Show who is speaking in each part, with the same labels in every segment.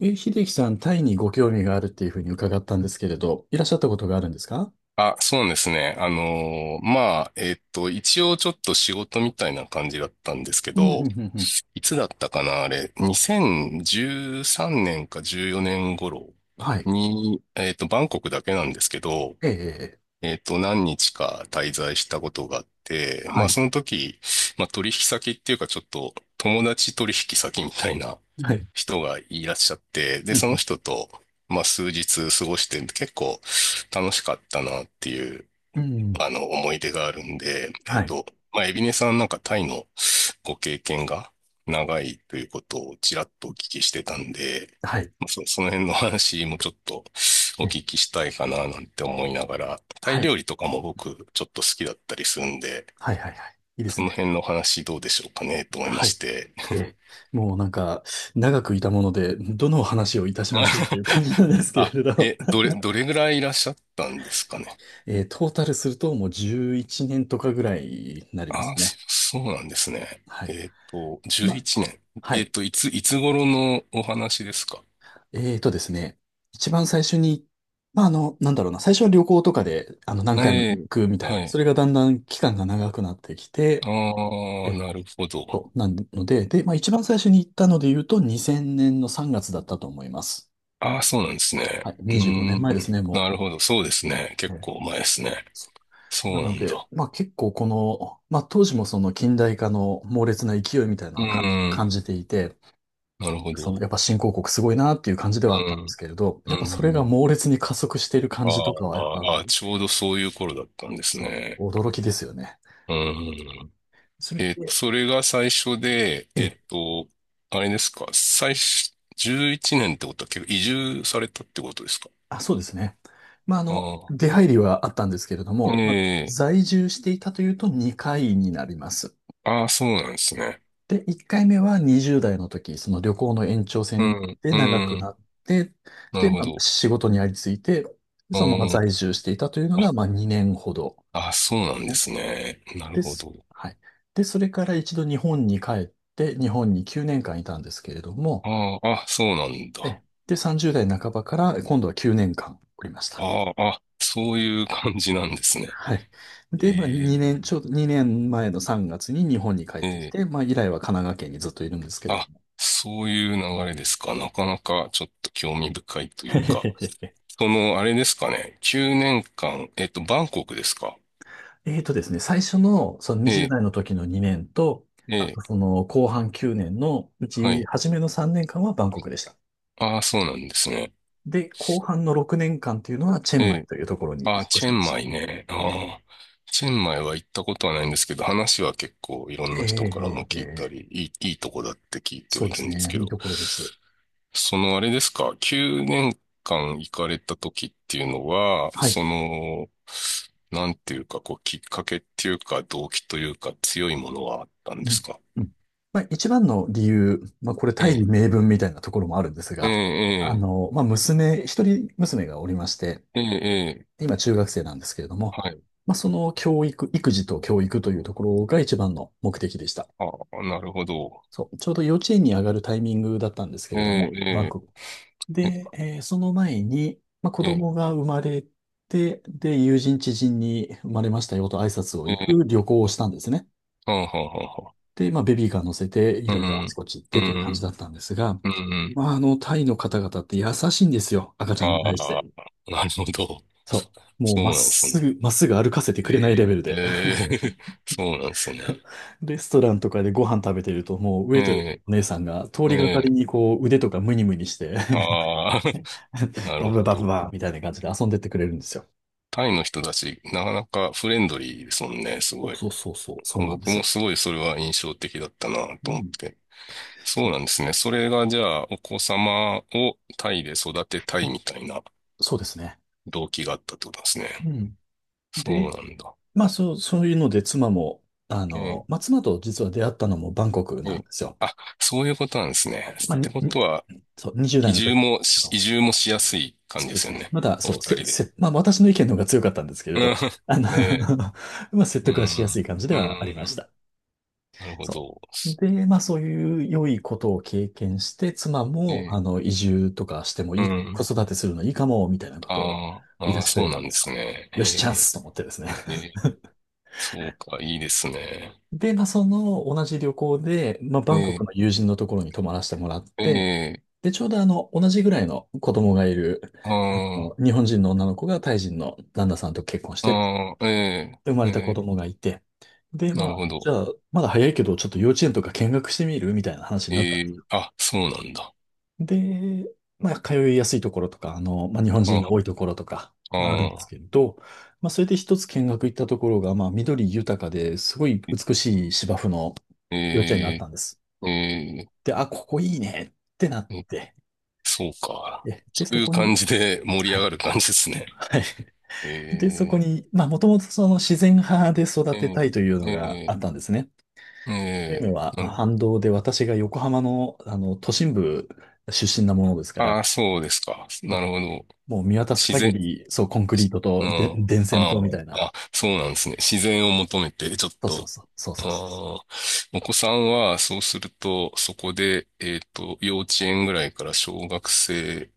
Speaker 1: え、秀樹さん、タイにご興味があるっていうふうに伺ったんですけれど、いらっしゃったことがあるんですか？
Speaker 2: あ、そうなんですね。一応ちょっと仕事みたいな感じだったんですけ
Speaker 1: うん、うん、
Speaker 2: ど、
Speaker 1: うん。うん。
Speaker 2: いつだったかな、あれ、2013年か14年頃
Speaker 1: はい。
Speaker 2: に、バンコクだけなんですけど、
Speaker 1: ええ、
Speaker 2: 何日か滞在したことがあって、ま
Speaker 1: は
Speaker 2: あ、
Speaker 1: い。
Speaker 2: その時、まあ、取引先っていうか、ちょっと友達取引先みたいな
Speaker 1: はい。
Speaker 2: 人がいらっしゃって、で、
Speaker 1: う
Speaker 2: その
Speaker 1: ん、
Speaker 2: 人と、まあ、数日過ごして、結構楽しかったなっていう
Speaker 1: うん。うん、
Speaker 2: あの、思い出があるんで、
Speaker 1: はい。
Speaker 2: まあ、エビネさんなんかタイのご経験が長いということをちらっとお聞きしてたんで、
Speaker 1: はい。
Speaker 2: その辺の話もちょっとお
Speaker 1: え、
Speaker 2: 聞きしたいかななんて思いながら、タイ
Speaker 1: はい。
Speaker 2: 料理とかも僕ちょっと好きだったりするんで、
Speaker 1: はい、はい、はい。いいで
Speaker 2: そ
Speaker 1: す
Speaker 2: の
Speaker 1: ね。
Speaker 2: 辺の話どうでしょうかねと思いま
Speaker 1: は
Speaker 2: し
Speaker 1: い。
Speaker 2: て。
Speaker 1: ええ、もうなんか、長くいたもので、どの話をいたしましょうという感じなん ですけ
Speaker 2: あ、
Speaker 1: れど、
Speaker 2: え、どれ、どれぐらいいらっしゃったんですかね？
Speaker 1: トータルするともう11年とかぐらいになりま
Speaker 2: あ、
Speaker 1: すね。
Speaker 2: そうなんですね。
Speaker 1: はい。ま
Speaker 2: 11
Speaker 1: あ
Speaker 2: 年。
Speaker 1: はい。
Speaker 2: いつ頃のお話ですか？
Speaker 1: えーとですね、一番最初に、なんだろうな、最初は旅行とかで、何
Speaker 2: え
Speaker 1: 回も行
Speaker 2: え、
Speaker 1: くみたい
Speaker 2: は
Speaker 1: な、そ
Speaker 2: い。
Speaker 1: れがだんだん期間が長くなってき
Speaker 2: あ
Speaker 1: て、
Speaker 2: あ、
Speaker 1: え、
Speaker 2: なるほど。
Speaker 1: そうなので、で、一番最初に行ったので言うと、2000年の3月だったと思います。
Speaker 2: ああ、そうなんです
Speaker 1: は
Speaker 2: ね。
Speaker 1: い、
Speaker 2: うー
Speaker 1: 25年
Speaker 2: ん、
Speaker 1: 前ですね、
Speaker 2: な
Speaker 1: も
Speaker 2: るほど。そうですね。
Speaker 1: う。
Speaker 2: 結
Speaker 1: ええ、
Speaker 2: 構前ですね。
Speaker 1: そう
Speaker 2: そ
Speaker 1: な
Speaker 2: うな
Speaker 1: の
Speaker 2: ん
Speaker 1: で、
Speaker 2: だ。
Speaker 1: 結構この、当時もその近代化の猛烈な勢いみたいなの
Speaker 2: う
Speaker 1: は感じ
Speaker 2: ー
Speaker 1: 感
Speaker 2: ん、
Speaker 1: じていて、
Speaker 2: なるほ
Speaker 1: その
Speaker 2: ど。
Speaker 1: やっぱ新興国すごいなっていう感じで
Speaker 2: う
Speaker 1: はあったんです
Speaker 2: ん、
Speaker 1: けれど、
Speaker 2: う
Speaker 1: やっぱそれが
Speaker 2: ん。
Speaker 1: 猛烈に加速している
Speaker 2: あ
Speaker 1: 感じとか
Speaker 2: ー
Speaker 1: は、やっぱ
Speaker 2: あー、ちょうどそういう頃だったんです
Speaker 1: そ
Speaker 2: ね。
Speaker 1: う、驚きですよね。
Speaker 2: うん。
Speaker 1: それで、
Speaker 2: それが最初で、
Speaker 1: ええ、
Speaker 2: あれですか、最初、11年ってことは結構移住されたってことですか？
Speaker 1: あ、そうですね。
Speaker 2: あ
Speaker 1: 出入りはあったんですけれど
Speaker 2: あ。
Speaker 1: も、
Speaker 2: ええ
Speaker 1: 在住していたというと2回になります。
Speaker 2: ああ、そうなんですね。
Speaker 1: で、1回目は20代の時、その旅行の延長
Speaker 2: う
Speaker 1: 線
Speaker 2: ん、
Speaker 1: で
Speaker 2: う
Speaker 1: 長くな
Speaker 2: ん、
Speaker 1: って、
Speaker 2: なる
Speaker 1: で、
Speaker 2: ほど。
Speaker 1: 仕事にありついて、
Speaker 2: う
Speaker 1: そのまま
Speaker 2: ん、
Speaker 1: 在住していたというのが、
Speaker 2: あ、
Speaker 1: 2年ほど、
Speaker 2: あ、そうなんで
Speaker 1: ね。
Speaker 2: すね。なる
Speaker 1: で
Speaker 2: ほ
Speaker 1: す。
Speaker 2: ど。
Speaker 1: はい。で、それから一度日本に帰って、日本に9年間いたんですけれども、
Speaker 2: ああ、あ、そうなんだ。
Speaker 1: で、30代半ばから今度は9年間おりました。
Speaker 2: ああ、あ、そういう感じなんですね。
Speaker 1: はい。で、
Speaker 2: え
Speaker 1: 2年、ちょうど2年前の3月に日本に帰っ
Speaker 2: え
Speaker 1: てき
Speaker 2: ええ
Speaker 1: て、以来は神奈川県にずっといるんですけれど
Speaker 2: あ、
Speaker 1: も。
Speaker 2: そういう流れですか。なかなかちょっと興味深いという か。その、あれですかね。9年間、バンコクですか？
Speaker 1: えーとですね、最初のその
Speaker 2: え
Speaker 1: 20
Speaker 2: え、
Speaker 1: 代の時の2年と、あ
Speaker 2: え
Speaker 1: と
Speaker 2: え、
Speaker 1: その後半9年のう
Speaker 2: は
Speaker 1: ち
Speaker 2: い。
Speaker 1: 初めの3年間はバンコクでした。
Speaker 2: ああ、そうなんですね。
Speaker 1: で、後半の6年間というのはチェ
Speaker 2: え
Speaker 1: ンマイ
Speaker 2: え、
Speaker 1: というところに引っ
Speaker 2: ああ、
Speaker 1: 越
Speaker 2: チェ
Speaker 1: しま
Speaker 2: ン
Speaker 1: し
Speaker 2: マ
Speaker 1: た。
Speaker 2: イね。
Speaker 1: え
Speaker 2: ああ、チェンマイは行ったことはないんですけど、話は結構いろん
Speaker 1: え
Speaker 2: な人からも
Speaker 1: ええ
Speaker 2: 聞いた
Speaker 1: え
Speaker 2: り、
Speaker 1: え、
Speaker 2: いいとこだって聞いて
Speaker 1: そ
Speaker 2: は
Speaker 1: う
Speaker 2: い
Speaker 1: で
Speaker 2: る
Speaker 1: す
Speaker 2: んです
Speaker 1: ね。
Speaker 2: け
Speaker 1: いい
Speaker 2: ど。
Speaker 1: ところです。
Speaker 2: そのあれですか、9年間行かれた時っていうのは、
Speaker 1: はい。
Speaker 2: その、なんていうか、こう、きっかけっていうか、動機というか、強いものはあったんで
Speaker 1: うん
Speaker 2: すか？
Speaker 1: うん、一番の理由、これ
Speaker 2: え
Speaker 1: 大義
Speaker 2: え、
Speaker 1: 名分みたいなところもあるんです
Speaker 2: え
Speaker 1: が、
Speaker 2: え、
Speaker 1: 一人娘がおりまして、
Speaker 2: ええ、ええ、ええ
Speaker 1: 今中学生なんですけれども、
Speaker 2: はい。
Speaker 1: その教育、育児と教育というところが一番の目的でした。
Speaker 2: ああ、なるほど。
Speaker 1: そう、ちょうど幼稚園に上がるタイミングだったんですけ
Speaker 2: え
Speaker 1: れども、バン
Speaker 2: え、
Speaker 1: コク。
Speaker 2: え
Speaker 1: で、その前に、子
Speaker 2: え、ええ、
Speaker 1: 供が生まれて、で、友人知人に生まれましたよと挨拶を
Speaker 2: え
Speaker 1: 行く
Speaker 2: え、
Speaker 1: 旅行をしたんですね。
Speaker 2: はんはんはんは
Speaker 1: で、ベビーカー乗せて、い
Speaker 2: う
Speaker 1: ろいろあち
Speaker 2: ん、
Speaker 1: こち行っ
Speaker 2: う
Speaker 1: てという感
Speaker 2: ん、
Speaker 1: じだったんですが、
Speaker 2: うん、うん
Speaker 1: タイの方々って優しいんですよ。赤ちゃんに対し
Speaker 2: あ
Speaker 1: て。
Speaker 2: あ、なるほど。
Speaker 1: そう。もう、
Speaker 2: そう
Speaker 1: まっ
Speaker 2: なんです
Speaker 1: す
Speaker 2: ね。
Speaker 1: ぐ、まっすぐ歩かせてくれないレ
Speaker 2: ええ、
Speaker 1: ベルで。
Speaker 2: ええ、そうなんです ね。
Speaker 1: レストランとかでご飯食べてると、もう、ウェイトレスの
Speaker 2: え
Speaker 1: お姉さんが通
Speaker 2: え、え
Speaker 1: りがかり
Speaker 2: え
Speaker 1: に、こう、腕とかムニムニして
Speaker 2: ああ、な
Speaker 1: バ
Speaker 2: る
Speaker 1: ブ
Speaker 2: ほ
Speaker 1: バブ
Speaker 2: ど。
Speaker 1: バブみたいな感じで遊んでってくれるんですよ。
Speaker 2: タイの人たち、なかなかフレンドリーですもんね、す
Speaker 1: そ
Speaker 2: ご
Speaker 1: う
Speaker 2: い。
Speaker 1: そうそうそう、そうなんで
Speaker 2: 僕も
Speaker 1: す。
Speaker 2: すごいそれは印象的だったなと
Speaker 1: う
Speaker 2: 思っ
Speaker 1: ん。
Speaker 2: て。そ
Speaker 1: そ
Speaker 2: う
Speaker 1: う、
Speaker 2: なんですね。それがじゃあ、お子様をタイで育てたいみたいな
Speaker 1: そうですね。
Speaker 2: 動機があったってことです
Speaker 1: う
Speaker 2: ね。
Speaker 1: ん。
Speaker 2: そ
Speaker 1: で、
Speaker 2: うなんだ。
Speaker 1: そう、そういうので、妻も、
Speaker 2: うん、
Speaker 1: 妻と実は出会ったのもバンコク
Speaker 2: う
Speaker 1: なん
Speaker 2: ん。
Speaker 1: ですよ。
Speaker 2: あ、そういうことなんですね。
Speaker 1: まあ、
Speaker 2: って
Speaker 1: に、
Speaker 2: こ
Speaker 1: に
Speaker 2: とは、
Speaker 1: そう、20代の時ですけ
Speaker 2: 移
Speaker 1: ど、
Speaker 2: 住もしやすい感じ
Speaker 1: そう
Speaker 2: で
Speaker 1: で
Speaker 2: す
Speaker 1: す
Speaker 2: よ
Speaker 1: ね。
Speaker 2: ね。
Speaker 1: まだ、
Speaker 2: お
Speaker 1: そ
Speaker 2: 二
Speaker 1: う、
Speaker 2: 人
Speaker 1: せ、
Speaker 2: で。
Speaker 1: せ、まあ、私の意見の方が強かったんですけれど、あ
Speaker 2: う
Speaker 1: の
Speaker 2: ん、ねえ。
Speaker 1: 説
Speaker 2: う
Speaker 1: 得はしやすい
Speaker 2: ん、
Speaker 1: 感じ
Speaker 2: う
Speaker 1: ではありまし
Speaker 2: ん、
Speaker 1: た。
Speaker 2: なるほ
Speaker 1: そ
Speaker 2: ど。
Speaker 1: う。で、そういう良いことを経験して、妻
Speaker 2: う
Speaker 1: も、
Speaker 2: え
Speaker 1: 移住とかしても
Speaker 2: う
Speaker 1: いい、子
Speaker 2: ん。
Speaker 1: 育てするのいいかも、みたいなことを
Speaker 2: あー
Speaker 1: 言い
Speaker 2: あ
Speaker 1: 出
Speaker 2: ー、
Speaker 1: してく
Speaker 2: そ
Speaker 1: れ
Speaker 2: うな
Speaker 1: たん
Speaker 2: ん
Speaker 1: で
Speaker 2: で
Speaker 1: すよ。
Speaker 2: すね。
Speaker 1: よし、チャン
Speaker 2: え
Speaker 1: スと思ってですね。
Speaker 2: ー、えーそうか、いいですね。
Speaker 1: で、その同じ旅行で、バンコクの
Speaker 2: え
Speaker 1: 友人のところに泊まらせてもらっ
Speaker 2: ー、
Speaker 1: て、
Speaker 2: え
Speaker 1: で、ちょうど同じぐらいの子供がいる、
Speaker 2: ー、あー
Speaker 1: 日本人の女の子がタイ人の旦那さんと結婚して、
Speaker 2: あー、え
Speaker 1: 生ま
Speaker 2: ー、
Speaker 1: れた子
Speaker 2: え
Speaker 1: 供がいて、で、
Speaker 2: ー、なるほ
Speaker 1: じ
Speaker 2: ど。
Speaker 1: ゃあ、まだ早いけど、ちょっと幼稚園とか見学してみるみたいな話
Speaker 2: え
Speaker 1: になったんです。
Speaker 2: ー、あ、そうなんだ。
Speaker 1: で、通いやすいところとか、日本
Speaker 2: あ
Speaker 1: 人が多いところとか、
Speaker 2: ー
Speaker 1: あるんです
Speaker 2: あ
Speaker 1: けれど、それで一つ見学行ったところが、緑豊かで、すごい
Speaker 2: ー、
Speaker 1: 美しい芝生の幼稚園があっ
Speaker 2: え
Speaker 1: たんです。
Speaker 2: ー、え
Speaker 1: で、あ、ここいいねってなっ
Speaker 2: ー、え
Speaker 1: て、
Speaker 2: そうか。
Speaker 1: で、で
Speaker 2: そう
Speaker 1: そ
Speaker 2: いう
Speaker 1: こ
Speaker 2: 感
Speaker 1: に、
Speaker 2: じで盛り
Speaker 1: は
Speaker 2: 上が
Speaker 1: い。
Speaker 2: る感じですね。
Speaker 1: はい。で、そこ
Speaker 2: え
Speaker 1: に、もともとその自然派で
Speaker 2: ー、
Speaker 1: 育て
Speaker 2: え
Speaker 1: たいという
Speaker 2: ー、
Speaker 1: のがあ
Speaker 2: え
Speaker 1: ったんですね。
Speaker 2: ー、
Speaker 1: という
Speaker 2: え
Speaker 1: のは、
Speaker 2: ー、なるほ
Speaker 1: 反
Speaker 2: ど。
Speaker 1: 動で私が横浜の、都心部出身なものですから、
Speaker 2: ああ、そうですか。
Speaker 1: そ
Speaker 2: なるほど。
Speaker 1: う、もう見渡す
Speaker 2: 自
Speaker 1: 限
Speaker 2: 然、
Speaker 1: り、そう、コンクリート
Speaker 2: う
Speaker 1: とで
Speaker 2: ん。
Speaker 1: 電線
Speaker 2: あ
Speaker 1: とみた
Speaker 2: ー
Speaker 1: いな。
Speaker 2: あ、そうなんですね。自然を求めて、ちょっ
Speaker 1: そうそう
Speaker 2: と。
Speaker 1: そう、そう
Speaker 2: あ
Speaker 1: そうそう。
Speaker 2: ーお子さんは、そうすると、そこで、幼稚園ぐらいから小学生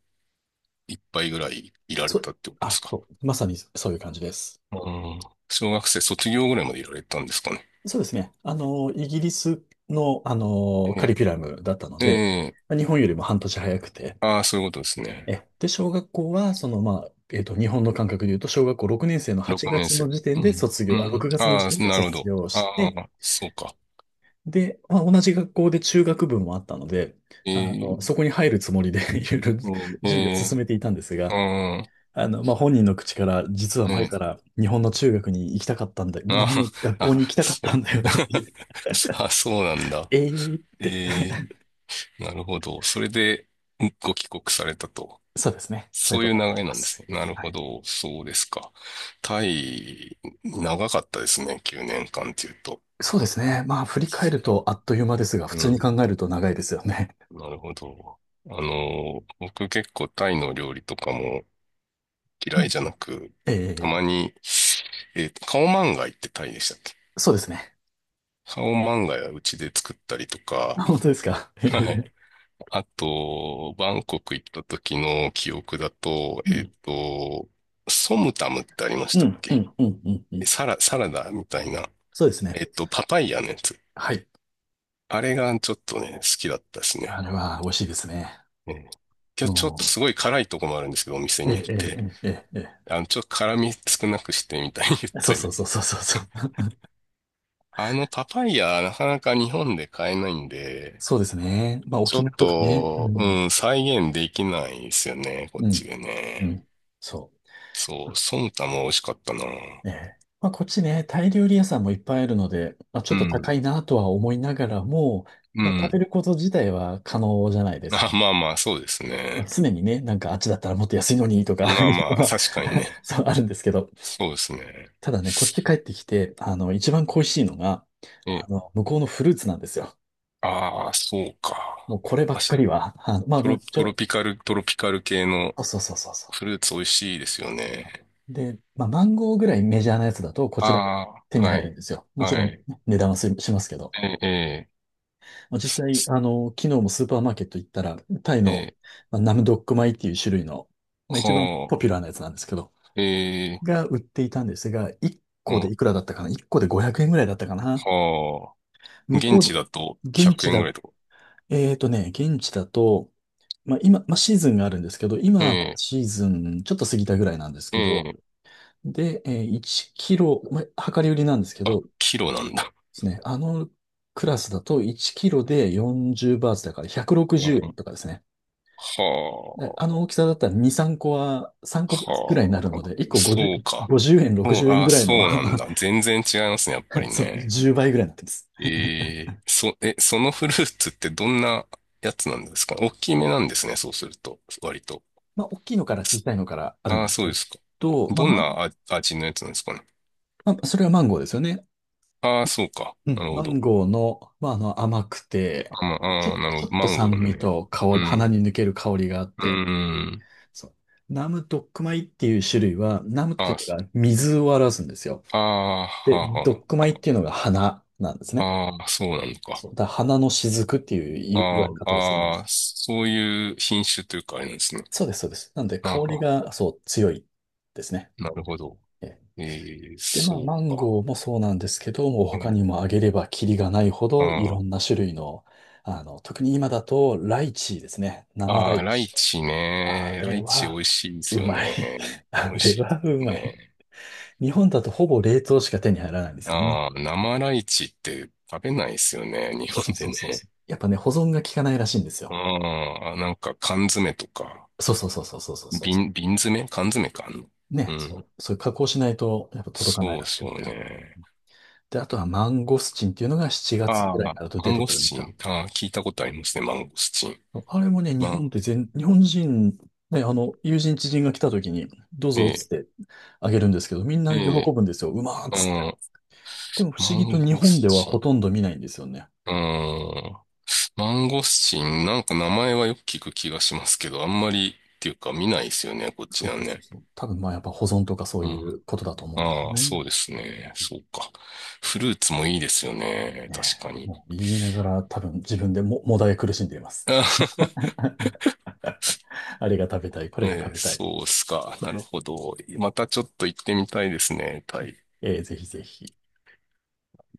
Speaker 2: いっぱいぐらいいられ
Speaker 1: そ
Speaker 2: た
Speaker 1: う、
Speaker 2: ってことです
Speaker 1: あ、
Speaker 2: か？
Speaker 1: そう、まさにそういう感じです。
Speaker 2: うん。小学生卒業ぐらいまでいられたんですかね？
Speaker 1: そうですね。イギリスの、カリキュ
Speaker 2: え
Speaker 1: ラムだったので、
Speaker 2: え、ええ
Speaker 1: 日本よりも半年早くて、
Speaker 2: ああ、そういうことですね。
Speaker 1: で、小学校は、日本の感覚で言うと、小学校6年生の8
Speaker 2: 6年
Speaker 1: 月の
Speaker 2: 生。
Speaker 1: 時
Speaker 2: う
Speaker 1: 点で
Speaker 2: ん。
Speaker 1: 卒
Speaker 2: う
Speaker 1: 業、あ、
Speaker 2: ん。
Speaker 1: 6月の
Speaker 2: あ
Speaker 1: 時点
Speaker 2: あ、
Speaker 1: で
Speaker 2: なるほ
Speaker 1: 卒
Speaker 2: ど。
Speaker 1: 業し
Speaker 2: あ
Speaker 1: て、
Speaker 2: あ、そうか。
Speaker 1: で、同じ学校で中学部もあったので、
Speaker 2: ええ、
Speaker 1: そこに入るつもりで いろいろ
Speaker 2: うんえ
Speaker 1: 準備を
Speaker 2: え、
Speaker 1: 進めていたんです
Speaker 2: う
Speaker 1: が、
Speaker 2: ん、
Speaker 1: 本人の口から、実は
Speaker 2: え
Speaker 1: 前か
Speaker 2: え、
Speaker 1: ら日本の中学に行きたかったんだ、
Speaker 2: あ
Speaker 1: 日本の学
Speaker 2: あ、
Speaker 1: 校
Speaker 2: あ、
Speaker 1: に行きたかっ
Speaker 2: そう。
Speaker 1: たんだよねっていう。
Speaker 2: あ、そうなん だ。
Speaker 1: ええって。
Speaker 2: ええ、なるほど。それで、ご帰国されたと。
Speaker 1: そうですね。そうい
Speaker 2: そ
Speaker 1: う
Speaker 2: う
Speaker 1: こ
Speaker 2: いう流
Speaker 1: とになり
Speaker 2: れな
Speaker 1: ま
Speaker 2: んですね。
Speaker 1: す。
Speaker 2: なる
Speaker 1: は
Speaker 2: ほ
Speaker 1: い。
Speaker 2: ど。そうですか。タイ、長かったですね。9年間っていうと。
Speaker 1: そうですね。振り返
Speaker 2: そ
Speaker 1: るとあっという間ですが、普
Speaker 2: う。う
Speaker 1: 通に考
Speaker 2: ん。
Speaker 1: えると長いですよね。
Speaker 2: なるほど。あの、僕結構タイの料理とかも
Speaker 1: う
Speaker 2: 嫌い
Speaker 1: ん。
Speaker 2: じゃなく、
Speaker 1: え
Speaker 2: たま
Speaker 1: え、
Speaker 2: に、カオマンガイってタイでしたっけ？
Speaker 1: そうですね。
Speaker 2: カオマンガイはうちで作ったりと か、
Speaker 1: 本当ですか。え
Speaker 2: はい。
Speaker 1: え、
Speaker 2: あと、バンコク行った時の記憶だと、
Speaker 1: うん、
Speaker 2: ソムタムってありまし
Speaker 1: う
Speaker 2: たっ
Speaker 1: ん、う
Speaker 2: け？
Speaker 1: ん、うん、うん。うん、
Speaker 2: サラダみたいな、
Speaker 1: そうですね。
Speaker 2: パパイヤのやつ。
Speaker 1: はい。
Speaker 2: あれがちょっとね、好きだったです
Speaker 1: あ
Speaker 2: ね。
Speaker 1: れは美味しいですね。
Speaker 2: うんちょっと
Speaker 1: も
Speaker 2: すごい辛いとこもあるんですけど、お店
Speaker 1: う、え
Speaker 2: によ
Speaker 1: え、
Speaker 2: っ
Speaker 1: え
Speaker 2: て。
Speaker 1: え、ええ、え
Speaker 2: あの、ちょっと辛み少なくしてみたいに 言っ
Speaker 1: え。そ
Speaker 2: た
Speaker 1: うそ
Speaker 2: り。
Speaker 1: うそうそうそうそう。
Speaker 2: あの、パパイヤ、なかなか日本で買えないんで、
Speaker 1: そうですね。
Speaker 2: ちょ
Speaker 1: 沖
Speaker 2: っ
Speaker 1: 縄とかね。う
Speaker 2: と、
Speaker 1: ん、
Speaker 2: うん、再現できないですよね、こっ
Speaker 1: うん、
Speaker 2: ちで
Speaker 1: う
Speaker 2: ね。
Speaker 1: ん。そ
Speaker 2: そう、ソムタも美味しかったな。
Speaker 1: う。ええ。こっちね、タイ料理屋さんもいっぱいあるので、ち
Speaker 2: う
Speaker 1: ょっと
Speaker 2: ん。
Speaker 1: 高いなとは思いながらも、
Speaker 2: う
Speaker 1: 食べ
Speaker 2: ん。
Speaker 1: ること自体は可能じゃないですか。
Speaker 2: あ、まあまあ、そうですね。
Speaker 1: 常にね、なんかあっちだったらもっと安いのにとか
Speaker 2: まあ
Speaker 1: い
Speaker 2: ま
Speaker 1: うの
Speaker 2: あ、
Speaker 1: は
Speaker 2: 確かに ね。
Speaker 1: そうあるんですけど、
Speaker 2: そうですね。
Speaker 1: ただね、こっち帰ってきて、一番恋しいのが、
Speaker 2: え、
Speaker 1: 向こうのフルーツなんですよ。
Speaker 2: ああ、そうか。
Speaker 1: もうこれば
Speaker 2: あ、
Speaker 1: っか
Speaker 2: し
Speaker 1: りは、
Speaker 2: トロ、
Speaker 1: 一
Speaker 2: ト
Speaker 1: 応、
Speaker 2: ロピカル、トロピカル系の
Speaker 1: そうそうそうそうそ
Speaker 2: フルーツ美味しいですよね。
Speaker 1: う。で、マンゴーぐらいメジャーなやつだと、こ
Speaker 2: あ
Speaker 1: ちらで手
Speaker 2: あ、
Speaker 1: に
Speaker 2: は
Speaker 1: 入るん
Speaker 2: い。
Speaker 1: ですよ。もち
Speaker 2: は
Speaker 1: ろん
Speaker 2: い。
Speaker 1: ね、値段はすしますけど。
Speaker 2: え、え、す
Speaker 1: 実際、
Speaker 2: す
Speaker 1: 昨日もスーパーマーケット行ったら、タイの、
Speaker 2: え、
Speaker 1: ナムドック米っていう種類の、一番ポ
Speaker 2: は
Speaker 1: ピュラ
Speaker 2: あ、
Speaker 1: ーなやつなんですけど、
Speaker 2: え
Speaker 1: が売っていたんですが、1
Speaker 2: ー、う
Speaker 1: 個で
Speaker 2: ん、
Speaker 1: いくらだったかな？ 1 個で500円ぐらいだったかな。
Speaker 2: はあ。
Speaker 1: 向
Speaker 2: 現
Speaker 1: こ
Speaker 2: 地
Speaker 1: う、
Speaker 2: だと
Speaker 1: 現
Speaker 2: 100
Speaker 1: 地
Speaker 2: 円ぐ
Speaker 1: だ、
Speaker 2: らいとか。
Speaker 1: 現地だと、今、シーズンがあるんですけど、
Speaker 2: え
Speaker 1: 今、
Speaker 2: え、
Speaker 1: シーズンちょっと過ぎたぐらいなんです
Speaker 2: え
Speaker 1: けど、
Speaker 2: え、
Speaker 1: で、1キロ、量り売りなんですけど、で
Speaker 2: キロなんだ。
Speaker 1: すね、あのクラスだと1キロで40バーツだから160
Speaker 2: うん、
Speaker 1: 円
Speaker 2: は
Speaker 1: とかですね。で、あ
Speaker 2: あ。
Speaker 1: の大きさだったら2、3個は、3個ぐらいにな
Speaker 2: は
Speaker 1: るので、1
Speaker 2: あ、
Speaker 1: 個50、
Speaker 2: そうか。
Speaker 1: 50円、
Speaker 2: そう、
Speaker 1: 60円
Speaker 2: あ、
Speaker 1: ぐらいの
Speaker 2: そうなんだ。全然違いますね、やっぱり
Speaker 1: そう、
Speaker 2: ね。
Speaker 1: 10倍ぐらいになってます。
Speaker 2: そのフルーツってどんなやつなんですか？大きめなんですね、そうすると。割と。
Speaker 1: 大きいのから小さいのからあるん
Speaker 2: ああ、
Speaker 1: です
Speaker 2: そう
Speaker 1: け
Speaker 2: ですか。
Speaker 1: ど、
Speaker 2: どん
Speaker 1: まあ
Speaker 2: なあ味のやつなんですかね？
Speaker 1: まあ、それはマンゴーですよね。
Speaker 2: ああ、そうか。
Speaker 1: う
Speaker 2: な
Speaker 1: ん。
Speaker 2: るほ
Speaker 1: マ
Speaker 2: ど。
Speaker 1: ンゴーの、甘くて、
Speaker 2: あ、まああなる
Speaker 1: ち
Speaker 2: ほ
Speaker 1: ょ
Speaker 2: ど。
Speaker 1: っ
Speaker 2: マ
Speaker 1: と
Speaker 2: ンゴー
Speaker 1: 酸味
Speaker 2: ね。
Speaker 1: と香
Speaker 2: う
Speaker 1: り、鼻
Speaker 2: ん。
Speaker 1: に抜ける香りがあっ
Speaker 2: う
Speaker 1: て、
Speaker 2: ん。
Speaker 1: そう。ナムドックマイっていう種類は、ナムって
Speaker 2: あ
Speaker 1: い
Speaker 2: あ、
Speaker 1: うの
Speaker 2: す
Speaker 1: が水を表すんですよ。
Speaker 2: あ
Speaker 1: で、
Speaker 2: あ、
Speaker 1: ド
Speaker 2: は
Speaker 1: ックマイっていうのが花なんです
Speaker 2: あ、
Speaker 1: ね。
Speaker 2: はあ。ああ、そうなのか。
Speaker 1: そう。だから花の雫っていう言わ
Speaker 2: あ
Speaker 1: れ
Speaker 2: あ、
Speaker 1: 方をするんで
Speaker 2: ああ、
Speaker 1: す。
Speaker 2: そういう品種というかあれなんですね。
Speaker 1: そうです、そうです。なんで、
Speaker 2: は
Speaker 1: 香
Speaker 2: あ
Speaker 1: り
Speaker 2: はあ
Speaker 1: が、そう、強いですね。
Speaker 2: なるほど。
Speaker 1: ええ。
Speaker 2: えー、
Speaker 1: で、
Speaker 2: そう
Speaker 1: マン
Speaker 2: か。
Speaker 1: ゴーもそうなんですけど、もう
Speaker 2: う
Speaker 1: 他
Speaker 2: ん。
Speaker 1: にもあげればキリがないほ
Speaker 2: あ
Speaker 1: どいろ
Speaker 2: ー
Speaker 1: んな種類の、特に今だとライチですね。
Speaker 2: あー、
Speaker 1: 生ラ
Speaker 2: ああ
Speaker 1: イ
Speaker 2: ライ
Speaker 1: チ。
Speaker 2: チ
Speaker 1: あ
Speaker 2: ね。ラ
Speaker 1: れ
Speaker 2: イチ美
Speaker 1: は、
Speaker 2: 味しいです
Speaker 1: う
Speaker 2: よ
Speaker 1: まい。
Speaker 2: ね。美
Speaker 1: あ
Speaker 2: 味
Speaker 1: れ
Speaker 2: しいです
Speaker 1: はうまい。
Speaker 2: ね。
Speaker 1: 日本だとほぼ冷凍しか手に入らないんですよね。
Speaker 2: ああ、生ライチって食べないですよね。日
Speaker 1: そ
Speaker 2: 本
Speaker 1: う
Speaker 2: で
Speaker 1: そうそう
Speaker 2: ね。
Speaker 1: そう。やっぱね、保存が効かないらしいんですよ。
Speaker 2: ああ、なんか缶詰とか、
Speaker 1: そうそうそうそうそうそうそうそ
Speaker 2: 瓶詰缶詰かあんの。
Speaker 1: う。
Speaker 2: う
Speaker 1: ね、
Speaker 2: ん。
Speaker 1: そう。そういう加工しないと、やっぱ届かな
Speaker 2: そ
Speaker 1: い
Speaker 2: うで
Speaker 1: らし
Speaker 2: す
Speaker 1: く
Speaker 2: よ
Speaker 1: て。
Speaker 2: ね。
Speaker 1: で、あとはマンゴスチンっていうのが7月
Speaker 2: あ
Speaker 1: ぐらい
Speaker 2: あ、
Speaker 1: になると
Speaker 2: マ
Speaker 1: 出
Speaker 2: ン
Speaker 1: て
Speaker 2: ゴ
Speaker 1: く
Speaker 2: ス
Speaker 1: るん
Speaker 2: チ
Speaker 1: だ。
Speaker 2: ン。ああ、聞いたことありますね。マンゴスチン。
Speaker 1: あれもね、日
Speaker 2: ま、
Speaker 1: 本って日本人、ね、友人知人が来た時に、どう
Speaker 2: え
Speaker 1: ぞっつっ
Speaker 2: え、
Speaker 1: てあげるんですけど、みん
Speaker 2: え
Speaker 1: な喜
Speaker 2: え、
Speaker 1: ぶんですよ。うまーっ
Speaker 2: う
Speaker 1: つって。
Speaker 2: ん。
Speaker 1: でも不
Speaker 2: マ
Speaker 1: 思議と
Speaker 2: ン
Speaker 1: 日
Speaker 2: ゴ
Speaker 1: 本
Speaker 2: ス
Speaker 1: では
Speaker 2: チ
Speaker 1: ほ
Speaker 2: ン。
Speaker 1: とんど見ないんですよね。
Speaker 2: うん。マンゴスチン、なんか名前はよく聞く気がしますけど、あんまりっていうか見ないですよね、こっち
Speaker 1: そう
Speaker 2: なん
Speaker 1: そうそう
Speaker 2: ね。
Speaker 1: そう。多分やっぱ保存とかそう
Speaker 2: う
Speaker 1: いう
Speaker 2: ん。
Speaker 1: ことだと思うんですよ
Speaker 2: ああ、
Speaker 1: ね。
Speaker 2: そうですね。そうか。フルーツもいいですよね。確
Speaker 1: ね
Speaker 2: か
Speaker 1: え
Speaker 2: に。
Speaker 1: もう言いながら多分自分でも、もだえ苦しんでいます。あれが食べたい、こ
Speaker 2: あ、
Speaker 1: れが
Speaker 2: えー
Speaker 1: 食べたい。
Speaker 2: そうっすか。なるほど。またちょっと行ってみたいですね、タイ。
Speaker 1: ぜひぜひ。